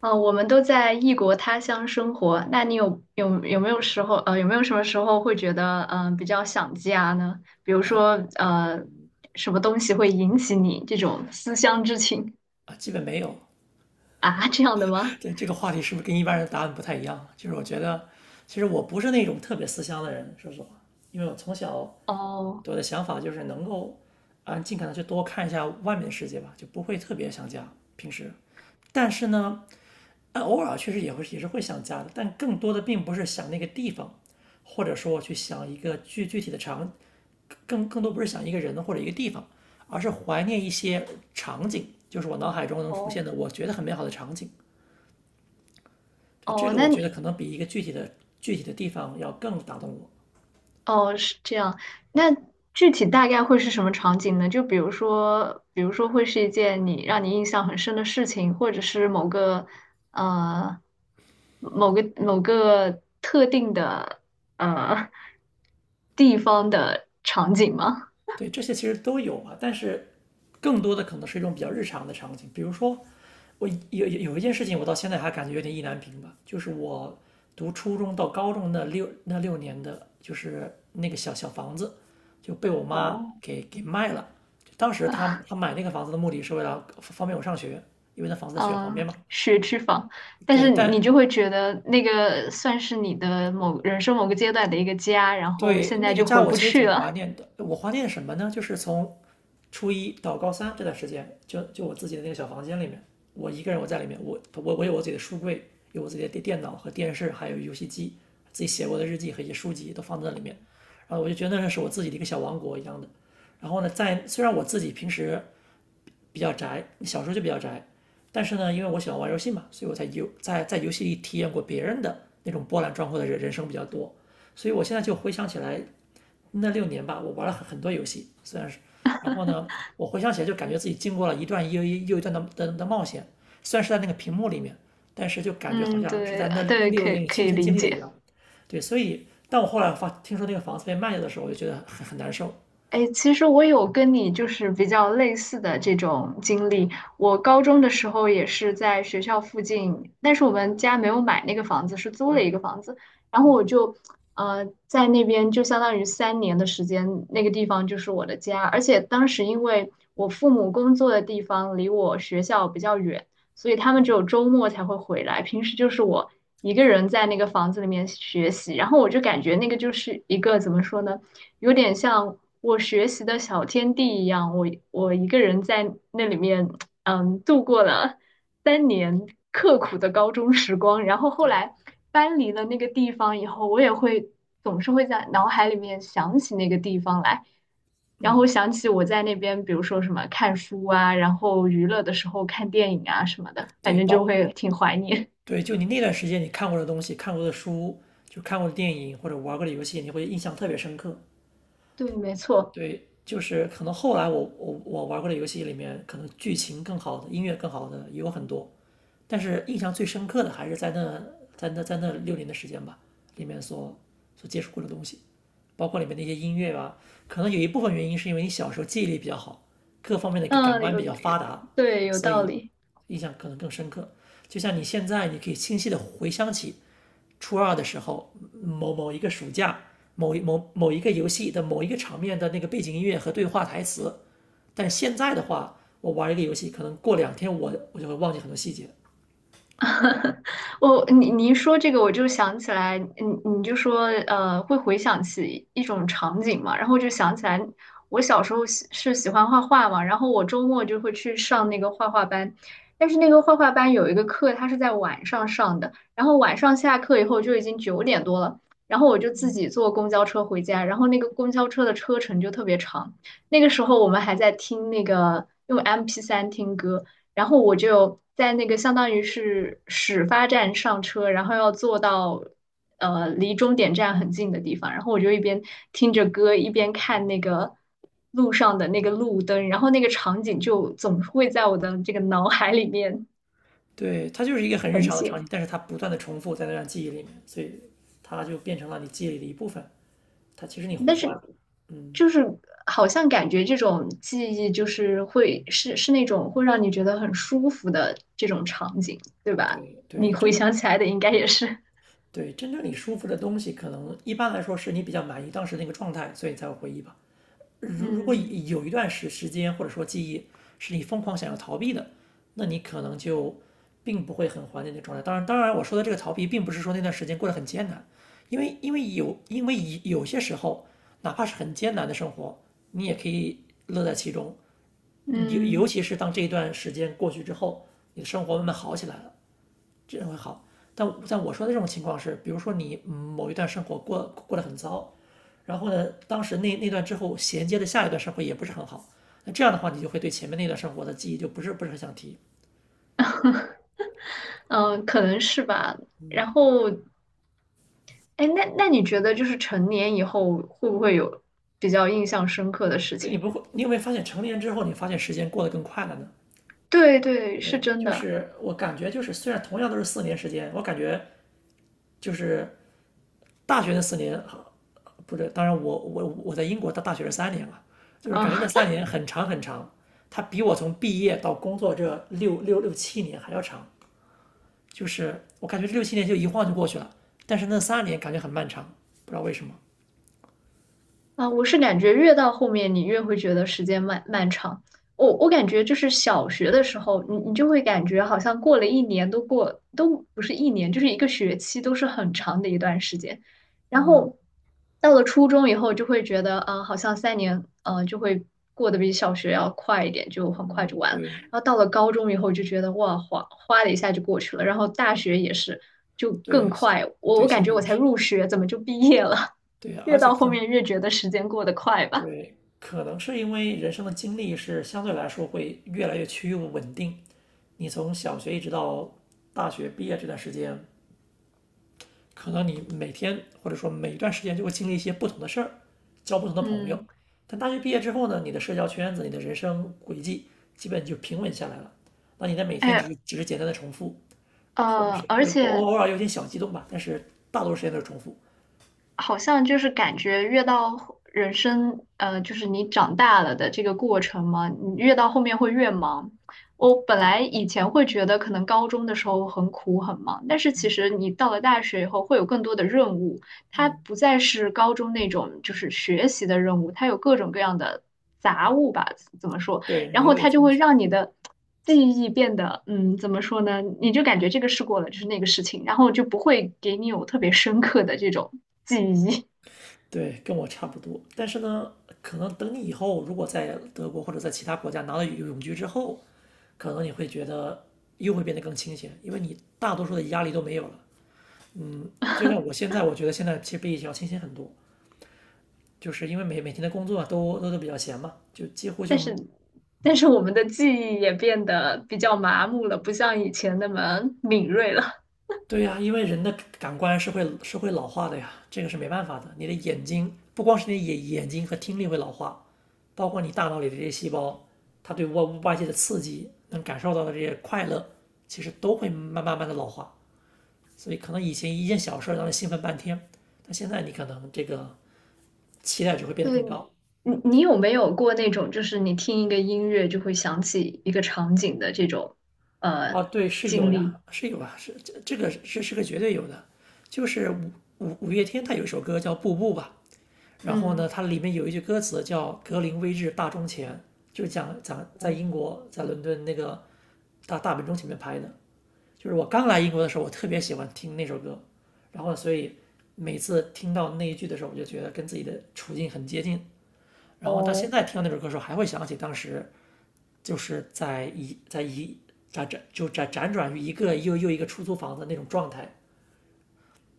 哦，我们都在异国他乡生活，那你有没有什么时候会觉得比较想家呢？比如说呃什么东西会引起你这种思乡之情。啊，基本没有。啊，这样的吗？这个话题是不是跟一般人的答案不太一样？就是我觉得，其实我不是那种特别思乡的人，说实话，因为我从小哦我的想法就是能够，尽可能去多看一下外面的世界吧，就不会特别想家。平时，但是呢，偶尔确实也是会想家的，但更多的并不是想那个地方，或者说去想一个具具体的场，更多不是想一个人或者一个地方，而是怀念一些场景，就是我脑海中能浮现哦的我觉得很美好的场景。对，这哦，个我那觉得可能比一个具体的具体的地方要更打动我。哦，是这样。那具体大概会是什么场景呢？就比如说，比如说会是一件你让你印象很深的事情，或者是某个呃某个特定的呃地方的场景吗？对，这些其实都有啊，但是更多的可能是一种比较日常的场景，比如说我有一件事情，我到现在还感觉有点意难平吧，就是我读初中到高中那六年的,就是那个小小房子就被我妈哦，给卖了。当时她 她买那个房子的目的是为了方便我上学，因为那房子在学校旁边嗯，嘛。学区房，但对，是你但就会觉得那个算是你的某人生某个阶段的一个家，然后对，现在那个就家回我不其实去挺怀了。念的。我怀念什么呢？就是从初一到高三这段时间，就我自己的那个小房间里面，我一个人我在里面，我有我自己的书柜，有我自己的电脑和电视，还有游戏机，自己写过的日记和一些书籍都放在里面。然后我就觉得那是我自己的一个小王国一样的。然后呢，在虽然我自己平时比较宅，小时候就比较宅，但是呢，因为我喜欢玩游戏嘛，所以我在游戏里体验过别人的那种波澜壮阔的人生比较多。所以我现在就回想起来。那六年吧，我玩了很多游戏，虽然是，然后呢，我回想起来就感觉自己经过了一段又一段的冒险，虽然是在那个屏幕里面，但是就感觉好嗯，像是对在那呃那对，可六以年里可亲以身理经历的一解。样。对，所以当我后来发听说那个房子被卖掉的时候，我就觉得很难受。哎，其实我有跟你就是比较类似的这种经历。我高中的时候也是在学校附近，但是我们家没有买那个房子，是租了一个房子。然后我就，在那边就相当于三年的时间，那个地方就是我的家。而且当时因为我父母工作的地方离我学校比较远，所以他们只有周末才会回来，平时就是我一个人在那个房子里面学习。然后我就感觉那个就是一个怎么说呢？有点像我学习的小天地一样，我一个人在那里面，嗯，度过了三年刻苦的高中时光。然后后对，来搬离了那个地方以后，我也会总是会在脑海里面想起那个地方来，然后嗯，想起我在那边，比如说什么看书啊，然后娱乐的时候看电影啊什么的，反对，正就会挺怀念。对，就你那段时间你看过的东西、看过的书、就看过的电影或者玩过的游戏，你会印象特别深刻。对，没错，对，就是可能后来我玩过的游戏里面，可能剧情更好的、音乐更好的也有很多，但是印象最深刻的还是在那六年的时间吧，里面所接触过的东西，包括里面那些音乐啊，可能有一部分原因是因为你小时候记忆力比较好，各方面的感嗯，官有比较有，发达，对，有所道以理。印象可能更深刻。就像你现在，你可以清晰的回想起初二的时候，某一个暑假，某一个游戏的某一个场面的那个背景音乐和对话台词。但现在的话，我玩一个游戏，可能过两天我就会忘记很多细节。我你一说这个，我就想起来，你就说会回想起一种场景嘛，然后我就想起来，我小时候喜欢画画嘛，然后我周末就会去上那个画画班，但是那个画画班有一个课，它是在晚上上的，然后晚上下课以后就已经9点多了，然后我就自己坐公交车回家，然后那个公交车的车程就特别长，那个时候我们还在听那个用 MP3听歌。然后我就在那个相当于是始发站上车，然后要坐到离终点站很近的地方，然后我就一边听着歌，一边看那个路上的那个路灯，然后那个场景就总是会在我的这个脑海里面对，它就是一个很日呈常的场现。景，但是它不断的重复在那段记忆里面，所以它就变成了你记忆里的一部分。它其实你会但是还，嗯，就是好像感觉这种记忆就是会是那种会让你觉得很舒服的这种场景，对吧？对对，你回真想起来的应该也是，对真正你舒服的东西，可能一般来说是你比较满意当时那个状态，所以你才会回忆吧。如果嗯有一段时间或者说记忆是你疯狂想要逃避的，那你可能就并不会很怀念那状态。当然，当然我说的这个逃避，并不是说那段时间过得很艰难，因为有些时候,哪怕是很艰难的生活，你也可以乐在其中。尤尤嗯。其是当这一段时间过去之后，你的生活慢慢好起来了，这样会好。但在我说的这种情况是，比如说你某一段生活过得很糟，然后呢，当时那段之后衔接的下一段生活也不是很好，那这样的话，你就会对前面那段生活的记忆就不是很想提。嗯，可能是吧。然后，哎，那你觉得就是成年以后会不会有比较印象深刻的事所以你情？不会，你有没有发现成年之后，你发现时间过得更快了呢？对对，是对，真就的是我感觉就是虽然同样都是四年时间，我感觉就是大学那四年，不对，当然我在英国到大学是三年嘛，就是感觉那啊，三年很长很长，它比我从毕业到工作这六七年还要长，就是我感觉这六七年就一晃就过去了，但是那三年感觉很漫长，不知道为什么。啊。我是感觉越到后面，你越会觉得时间漫长。我感觉就是小学的时候，你就会感觉好像过了一年都过都不是一年，就是一个学期都是很长的一段时间。然嗯后到了初中以后，就会觉得好像三年就会过得比小学要快一点，就很快嗯,就完了。然后到了高中以后，就觉得哇，哗哗的一下就过去了。然后大学也是，就更对快。我对,我感现在觉我也才是入学，怎么就毕业了？对，越而且到可后能面越觉得时间过得快吧。对，可能是因为人生的经历是相对来说会越来越趋于稳定，你从小学一直到大学毕业这段时间。可能你每天或者说每一段时间就会经历一些不同的事儿，交不同的朋友。嗯，但大学毕业之后呢，你的社交圈子、你的人生轨迹基本就平稳下来了。那你的每天只哎，是只是简单的重复，或者是而或者偶且偶尔有点小激动吧，但是大多数时间都是重复。好像就是感觉越到后人生，就是你长大了的这个过程嘛，你越到后面会越忙。我本对，来以前会觉得可能高中的时候很苦很忙，但是其实你到了大学以后会有更多的任务，它嗯，不再是高中那种就是学习的任务，它有各种各样的杂物吧，怎么说？对，然你都后得它就进会去。让你的记忆变得，嗯，怎么说呢？你就感觉这个试过了，就是那个事情，然后就不会给你有特别深刻的这种记忆。对，跟我差不多。但是呢，可能等你以后如果在德国或者在其他国家拿到永居之后，可能你会觉得又会变得更清闲，因为你大多数的压力都没有了。就像我现在，我觉得现在其实比以前要清醒很多，就是因为每天的工作都比较闲嘛，就几乎就 但是我们的记忆也变得比较麻木了，不像以前那么敏锐了。对呀，因为人的感官是会老化的呀，这个是没办法的。你的眼睛不光是你的眼睛和听力会老化，包括你大脑里的这些细胞，它对外界的刺激能感受到的这些快乐，其实都会慢慢的老化。所以可能以前一件小事让你兴奋半天，但现在你可能这个期待值会变得对，更高。你有没有过那种，就是你听一个音乐就会想起一个场景的这种呃哦，对，是有经呀，历？是有啊，是这个是是个绝对有的，就是五月天他有一首歌叫《步步》吧，然后呢，嗯，它里面有一句歌词叫“格林威治大钟前”，就是讲在英国在伦敦那个大本钟前面拍的，就是我刚来英国的时候，我特别喜欢听那首歌，然后所以每次听到那一句的时候，我就觉得跟自己的处境很接近，然后到现哦，在听到那首歌的时候，还会想起当时。就是在一在一辗转就辗辗转于一个又一个出租房子那种状态，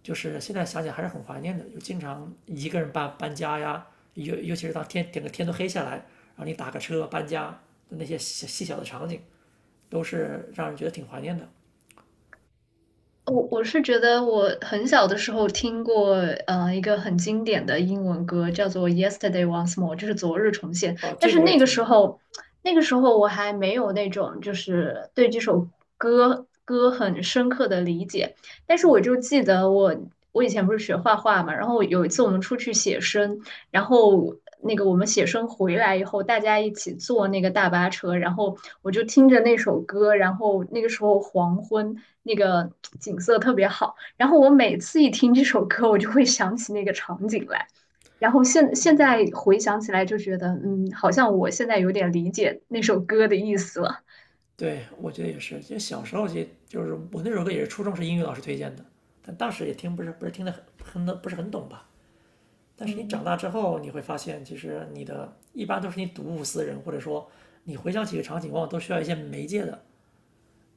就是现在想想还是很怀念的，就经常一个人搬家呀，尤其是当天整个天都黑下来，然后你打个车搬家的那些细小的场景，都是让人觉得挺怀念的。我是觉得我很小的时候听过，一个很经典的英文歌叫做《Yesterday Once More》，就是昨日重现。哦，但这是个我也那个听时过，候，那个时候我还没有那种就是对这首歌很深刻的理解。但是我就记得我以前不是学画画嘛，然后有一次我们出去写生，然后那个我们写生回来以后，大家一起坐那个大巴车，然后我就听着那首歌，然后那个时候黄昏，那个景色特别好。然后我每次一听这首歌，我就会想起那个场景来。然后现在回想起来，就觉得嗯，好像我现在有点理解那首歌的意思了。对，我觉得也是，就小时候就是我那首歌也是初中是英语老师推荐的，但当时也听不是不是听得很不是很懂吧，但是你长嗯，大之后，你会发现，其实你的一般都是你睹物思人，或者说你回想起一个场景，往往都需要一些媒介，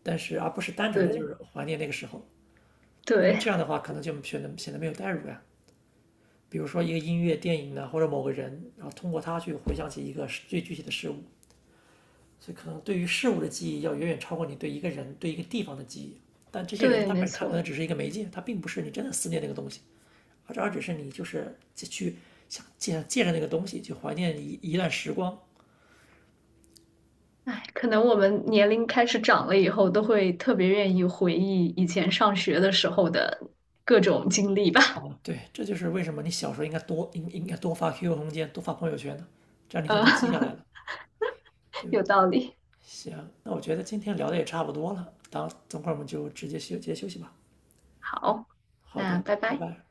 但是而不是单纯的就对是怀念那个时候，因为对这样的话可能就显得没有代入感。比如说一个音乐、电影呢，或者某个人，然后通过他去回想起一个最具体的事物，所以可能对于事物的记忆要远远超过你对一个人、对一个地方的记忆。但这些人对，没他可能错。只是一个媒介，他并不是你真的思念那个。而只是你就是去想借着那个东西去怀念一段时光。哎，可能我们年龄开始长了以后，都会特别愿意回忆以前上学的时候的各种经历吧。哦，对，这就是为什么你小时候应该多发 QQ 空间，多发朋友圈的，这样你就呃，能记下来了，对吧？有道理。行，那我觉得今天聊的也差不多了，当等会儿我们就直接休息吧。好，好那的，拜拜拜。拜。